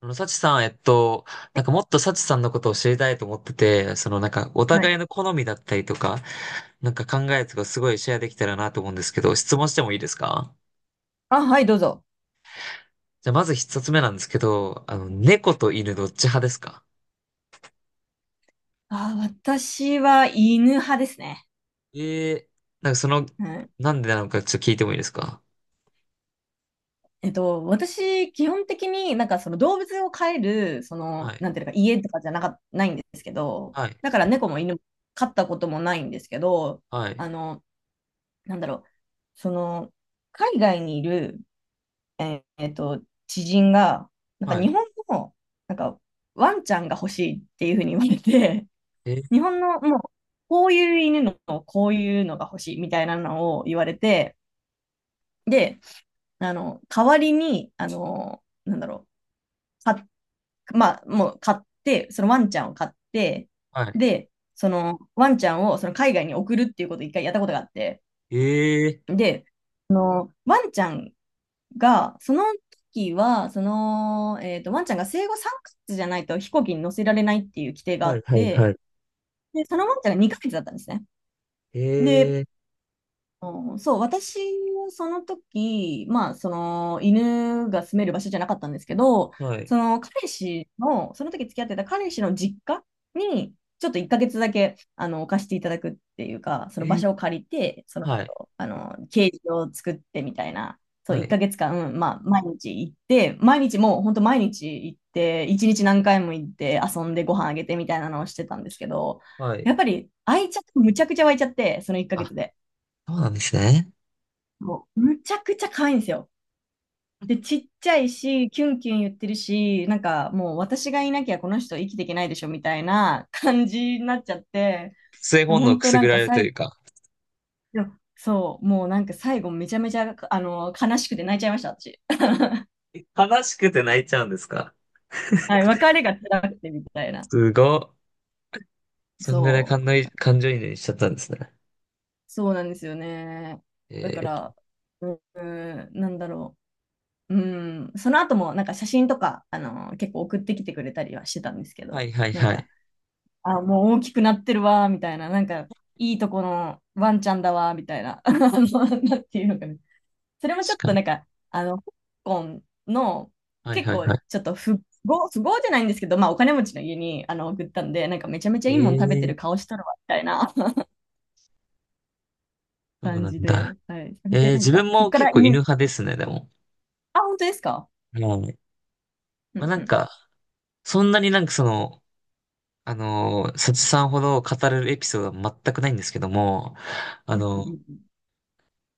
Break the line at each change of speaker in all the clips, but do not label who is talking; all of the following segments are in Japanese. サチさん、なんかもっとサチさんのことを知りたいと思ってて、そのなんかお
は
互
い。
いの好みだったりとか、なんか考えとかすごいシェアできたらなと思うんですけど、質問してもいいですか？
あ、はい、どうぞ。
じゃあまず一つ目なんですけど、猫と犬どっち派ですか？
あ、私は犬派ですね。
ええー、なんかその、
うん。
なんでなのかちょっと聞いてもいいですか？
私、基本的になんかその動物を飼える、
はい、
なんていうのか、家とかじゃなか、ないんですけど、
はい、
だから猫も犬も飼ったこともないんですけど、
はい、
あの、なんだろう、その、海外にいる、えーえっと、知人が、なんか
は
日
い、
本の、なんか、ワンちゃんが欲しいっていうふうに言われて、
えー、
日本のもう、こういう犬の、こういうのが欲しいみたいなのを言われて、で、代わりに、なんだろう、か、まあ、もう買って、そのワンちゃんを買って、
はい、
で、そのワンちゃんをその海外に送るっていうことを一回やったことがあって、
ええ
で、ワンちゃんが、その時は、その、ワンちゃんが生後3ヶ月じゃないと飛行機に乗せられないっていう規定が
ー、
あ
は
っ
い、はい、は
て、
い、
で、そのワンちゃんが2ヶ月だったんですね。で、
ええ
うんそう、私はその時、まあ、その犬が住める場所じゃなかったんですけど、
ー、はい、
その彼氏の、その時付き合ってた彼氏の実家に、ちょっと1ヶ月だけ、貸していただくっていうか、そ
え
の場
ー、
所を借りて、その
はい、
人、ケージを作ってみたいな、そう、
は
1
い、
ヶ月間、まあ、毎日行って、毎日もう本当毎日行って、1日何回も行って遊んでご飯あげてみたいなのをしてたんですけど、
はい。
やっぱり、愛着、むちゃくちゃ湧いちゃって、その1ヶ
あ、
月で。
そうなんですね。
もうむちゃくちゃ可愛いんですよ。で、ちっちゃいし、キュンキュン言ってるし、なんかもう私がいなきゃこの人生きていけないでしょみたいな感じになっちゃって、
性
でも
本能
本
く
当
す
な
ぐ
ん
ら
か
れると
最
いう
後、
か、
でもそう、もうなんか最後めちゃめちゃ、悲しくて泣いちゃいました、私。
悲しくて泣いちゃうんですか？
はい、別れが辛くてみたいな。
すごっ。そんぐらい感
そ
の
う、
感情移入しちゃったんですね。
そうなんですよね。
え
だか
ー、
ら、うーん、なんだろう。うん、その後もなんか写真とか、結構送ってきてくれたりはしてたんですけ
は
ど、
いはい
なん
は
か、
い。
あ、もう大きくなってるわ、みたいな、なんか、いいとこのワンちゃんだわ、みたいな、あのなんていうのかな。それもちょ
確
っ
か
と
に。
なんか、香港の、
はい
結
はい
構、
は
ちょっと不合じゃないんですけど、まあ、お金持ちの家に、送ったんで、なんか、めちゃめちゃ
い。
いいもん食べて
えー、
る顔しとるわ、みたいな
そう
感
なん
じ
だ。
で、はい。それ
えー、
で、なん
自分
か、そっ
も
か
結
ら
構犬
犬
派ですね、でも。
あ、本当ですか。
はい。
う
まあ
ん
なん
うん。
か、そんなになんかその、サチさんほど語れるエピソードは全くないんですけども、あ
う
の、
ん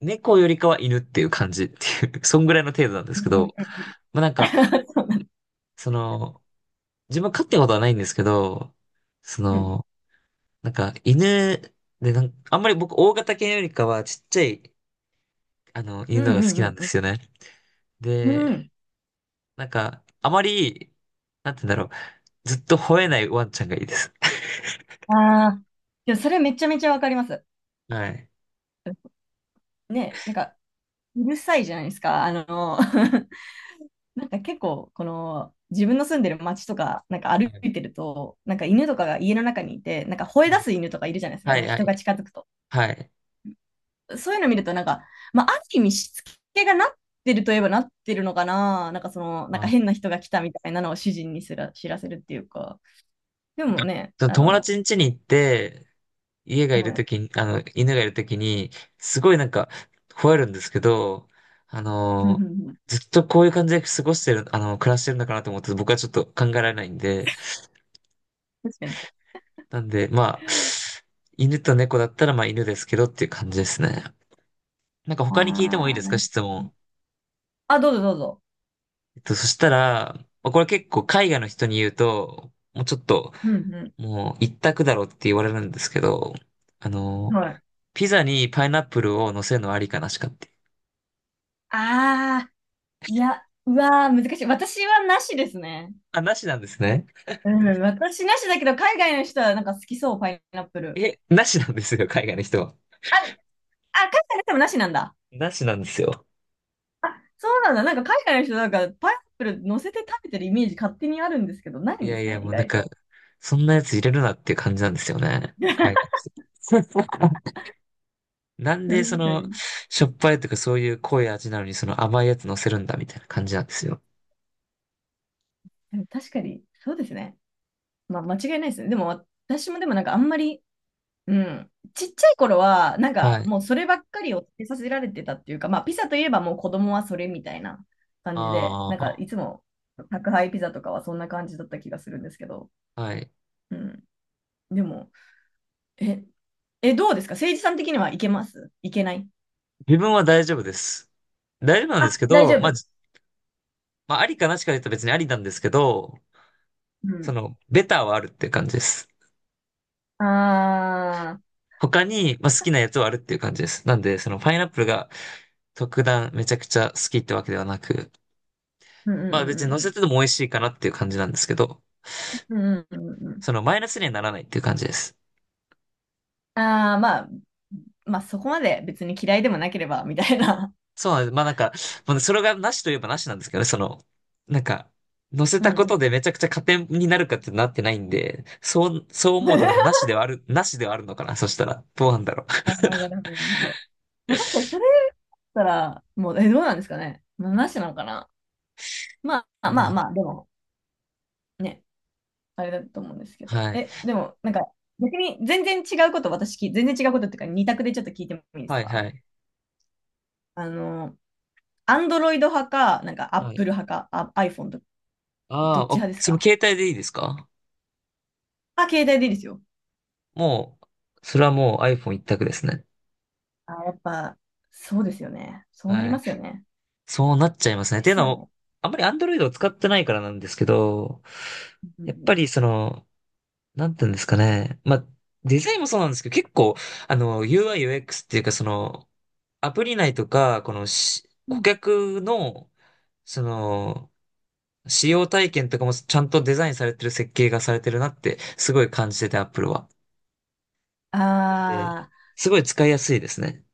猫よりかは犬っていう感じっていう、そんぐらいの程度なんで
う
すけ
んうん。
ど、まあなんか、
そうなん、
その、自分飼ってことはないんですけど、そ
うん
の、なんか犬でなんか、あんまり僕大型犬よりかはちっちゃい、
う
犬
んう
のが好きなん
ん
で
うん
すよね。
うん。う
で、
ん。
なんか、あまり、なんて言うんだろう、ずっと吠えないワンちゃんがいいです。
ああ。でも、それめちゃめちゃわかります。
はい。
ね、なんか、うるさいじゃないですか。なんか結構、この、自分の住んでる街とか、なんか
は
歩
い。
いてると、なんか犬とかが家の中にいて、なんか吠え
は
出
い。
す犬とかいるじゃないですか。
は
なん
い。
か
は
人
い。
が近づくと。
はい。
そういうの見ると、なんか、まあ、ある意味しつけがなってるといえばなってるのかな。なんかその、なん
あ、
か変な人が来たみたいなのを主人にすら知らせるっていうか。でもね、
その友達ん家に行って、家がい
は
る
い、
ときに、犬がいるときに、すごいなんか、吠えるんですけど、あ
うんうん
の
うん。
ずっとこういう感じで過ごしてる、暮らしてるのかなと思って、僕はちょっと考えられないんで、
確かに。
なんで、まあ、犬と猫だったら、まあ犬ですけどっていう感じですね。なんか
あ
他に聞いてもいいで
あ、
す
な
か、
る
質
ほど。
問。
あ、どうぞどうぞ。
そしたら、まあこれ結構海外の人に言うと、もうちょっと、
うんう
もう一択だろうって言われるんですけど、あ
ん。
の
はい。
ピザにパイナップルを乗せるのはありかなしかって。
ああ。いや、うわー、難しい。私はなしですね。
あ、なしなんですね。
うん、私なしだけど、海外の人はなんか好きそう、パイナップル。
え、なしなんですよ、海外の人は。
あ、海外の人もなしなんだ。
なしなんですよ。
あ、そうなんだ。なんか海外の人なんかパイナップル乗せて食べてるイメージ勝手にあるんですけど、ない
い
んで
やい
す
や、
ね、
も
意
うなん
外
か、
と。
そんなやつ入れるなっていう感じなんですよね。海外の人。なんでそ
確か
の、
に。
しょっぱいとかそういう濃い味なのにその甘いやつ乗せるんだみたいな感じなんですよ。
でも確かに、そうですね。まあ、間違いないですね。でも、私もでもなんかあんまり、うん。ちっちゃい頃は、なん
は
か
い。
もうそればっかりを食べさせられてたっていうか、まあピザといえばもう子供はそれみたいな感じで、なんか
あ
いつも宅配ピザとかはそんな感じだった気がするんですけど、
あ、はい。
うん。でも、え、どうですか、誠治さん的にはいけますいけない、
自分は大丈夫です。大丈夫なんです
あ、
け
大丈
ど、まあ、
夫。
まあ、ありかなしか言うと別にありなんですけど、
う
そ
ん。
の、ベターはあるっていう感じです。
ああ、
他に、まあ、好きなやつはあるっていう感じです。なんで、その、パイナップルが特段めちゃくちゃ好きってわけではなく、
うん
まあ別に乗
う
せて
ん
ても美味しいかなっていう感じなんですけど、
うんうんうん。うんうんうんうん。
そのマイナスにはならないっていう感じです。
ああ、まあ、まあそこまで別に嫌いでもなければみたいな。
そうなんです。まあなんか、まあ、それがなしといえばなしなんですけどね、その、なんか、乗せ
うん
た
う
こと
ん。
でめちゃくちゃ加点になるかってなってないんで、そう、そう思うとなんかな しではある、なしではあるのかな、そしたら。どうなんだろ
ああ、なるほど。それたら、もう、え、どうなんですかね。なしなのかな。まあ
う。う
まあ
ん、
まあ、でも、ね、あれだと思うんですけど。
はい。
え、でも、なんか、逆に全然違うこと、私聞い、全然違うことっていうか、二択でちょっと聞いてもいいです
はい
か。
はい。
あの、アンドロイド派か、なんか、アッ
はい。
プル派か、あ iPhone と、ど
あ
っ
ー
ち
あ、
派です
その
か。
携帯でいいですか？
あ、携帯でいいですよ。
もう、それはもう iPhone 一択ですね。
あ、やっぱ、そうですよね。そうなり
はい。
ますよね。
そうなっちゃいますね。っ
で
ていう
す
の
よ
も、
ね。
あんまり Android を使ってないからなんですけど、
う
やっぱ
ん
りその、なんていうんですかね。まあ、デザインもそうなんですけど、結構、UI、UX っていうか、その、アプリ内とか、この
う
顧
ん。
客の、その、使用体験とかもちゃんとデザインされてる設計がされてるなって、すごい感じてて、Apple は。
あ
なんで、
ー
すごい使いやすいですね。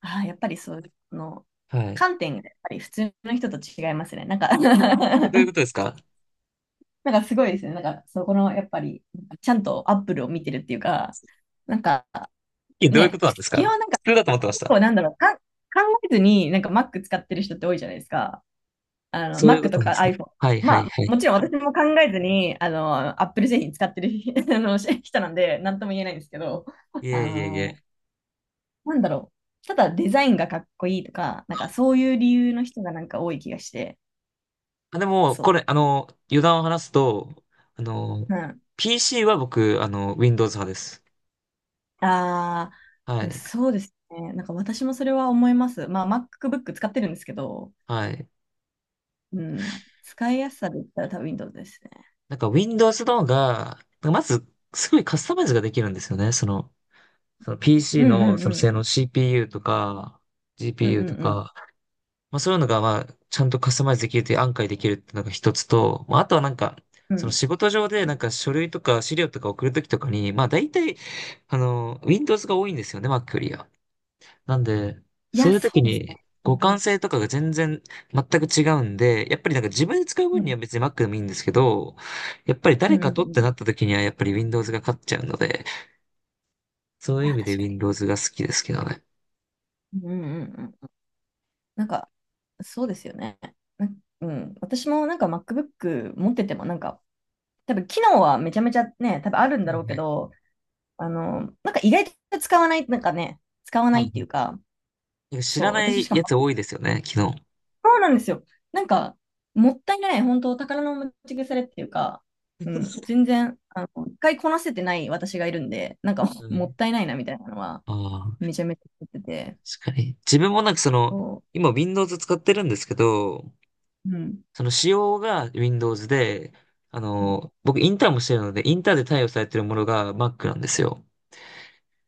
あー、やっぱりそう、その
はい。
観点がやっぱり普通の人と違いますね。なんか
え、どういうこと ですか？
なんかすごいですね。なんか、そこの、やっぱり、ちゃんとアップルを見てるっていうか、なんか、
え、どういうこ
ね、
となんです
基
か？
本なんか、
普通だと思ってまし
結
た。
構なんだろう、考えずに、なんか Mac 使ってる人って多いじゃないですか。
そういう
Mac
こ
と
となんで
か
すね。
iPhone。
はいは
ま
い
あ、
はい。
もちろん私も考えずに、Apple 製品使ってる あのし人なんで、なんとも言えないんですけど、
い
あ
えいえいえ。
の、なんだろう。ただデザインがかっこいいとか、なんかそういう理由の人がなんか多い気がして、
あ、でも、こ
そ
れ、余談を話すと、あの、
う。うん、
PC は僕、Windows 派です。
ああ、
は
でも
い。
そうですね。なんか私もそれは思います。まあ、MacBook 使ってるんですけど、
はい。
うん、使いやすさで言ったら多分 Windows ですね。
なんか Windows の方が、まず、すごいカスタマイズができるんですよね。その、
う
PC
んう
の、その
ん
性
う
能
ん
CPU とか、
うんう
GPU と
ん
か、まあそういうのが、まあ、ちゃんとカスタマイズできるという案外できるっていうのが一つと、まああとはなんか、
うんう
その
ん。
仕事上でなんか書類とか資料とか送るときとかに、まあ大体、Windows が多いんですよね、Mac よりは。なんで、
い
そ
や、
ういうと
そ
き
うです
に
ね。うん
互
う
換
ん
性とかが全然全く違うんで、やっぱりなんか自分で使う分
う
に
ん
は別に Mac でもいいんですけど、やっぱり
う
誰
んうん
かとって
うん。
な
い
ったときにはやっぱり Windows が勝っちゃうので、そういう
や、
意味で
確かに。
Windows が好きですけどね。
うんうんうんうん。なんか、そうですよね。な、うん、私もなんか MacBook 持ってても、なんか、多分機能はめちゃめちゃね、多分あるん
は
だ
い
ろう
は
け
い。
ど、なんか意外と使わない、なんかね、使わな
はい
い
は
ってい
い。
うか、
なんか知
そ
ら
う、
な
私
い
しかも
やつ多いですよね、昨日。
そうなんですよ。なんか、もったいない、本当宝の持ち腐れっていうか、うん、全然、一回こなせてない私がいるんで、なんか、
は い。
もったいないなみたいなのは、
ああ、
めちゃめちゃ思ってて、
確かに。自分もなんかその、
そ
今 Windows 使ってるんですけど、
う、うん。
その仕様が Windows で、僕インターンもしてるので、インターンで対応されてるものが Mac なんですよ。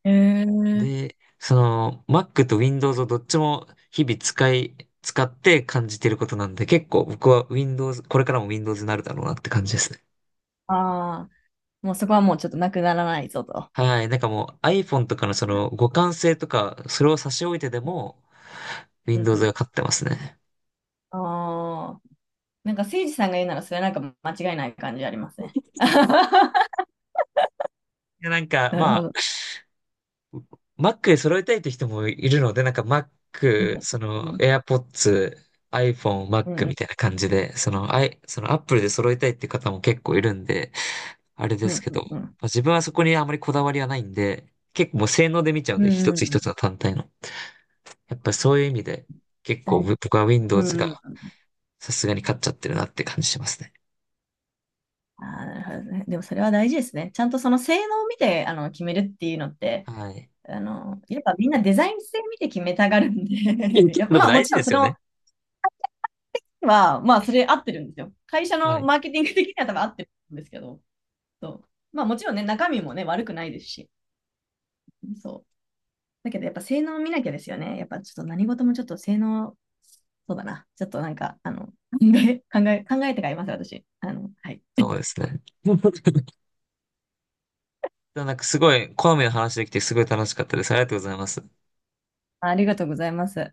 へえ。
で、その Mac と Windows をどっちも日々使って感じてることなんで、結構僕は Windows、これからも Windows になるだろうなって感じですね。
ああ、もうそこはもうちょっとなくならないぞと。
はい。なんかもう iPhone とかのそ
う
の互換性とか、それを差し置いてで
ん
も
う
Windows
ん、
が勝ってますね。
ああ、なんかせいじさんが言うならそれはなんか間違いない感じありますね。
いや、なんか、
なるほど。
Mac で揃えたいって人もいるので、なんか
う
Mac、
ん
そ
う
の
ん
AirPods、iPhone、
う
Mac み
ん
たいな感じで、その、その Apple で揃えたいって方も結構いるんで、あれ
う
で
んう
す
ん
けど、ま
うん
あ、自分はそこにあまりこだわりはないんで、結構もう性能で見ちゃうん
うん
で、
うん
一
う
つ
んうんう
一
ん
つの単体の。やっぱりそういう意味で、結構僕は
う
Windows が
んうん、
さすがに勝っちゃってるなって感じしますね。
ああ、なるほどね。でもそれは大事ですね。ちゃんとその性能を見てあの決めるっていうのって、
はい。
やっぱみんなデザイン性見て決めたがるん
いや
で い
結
や
構で
ま
も
あも
大
ち
事
ろ
で
んそ
すよ
の
ね。
は、まあそれ合ってるんですよ。会社
は
の
い。
マーケティング的には多分合ってるんですけど、そう。まあもちろんね、中身もね、悪くないですし、そう。だけどやっぱ性能を見なきゃですよね。やっぱちょっと何事もちょっと性能、そうだな。ちょっとなんか、考えて買います、私。はい。
そうですね。なんかすごい、好みの話できてすごい楽しかったです。ありがとうございます。
ありがとうございます。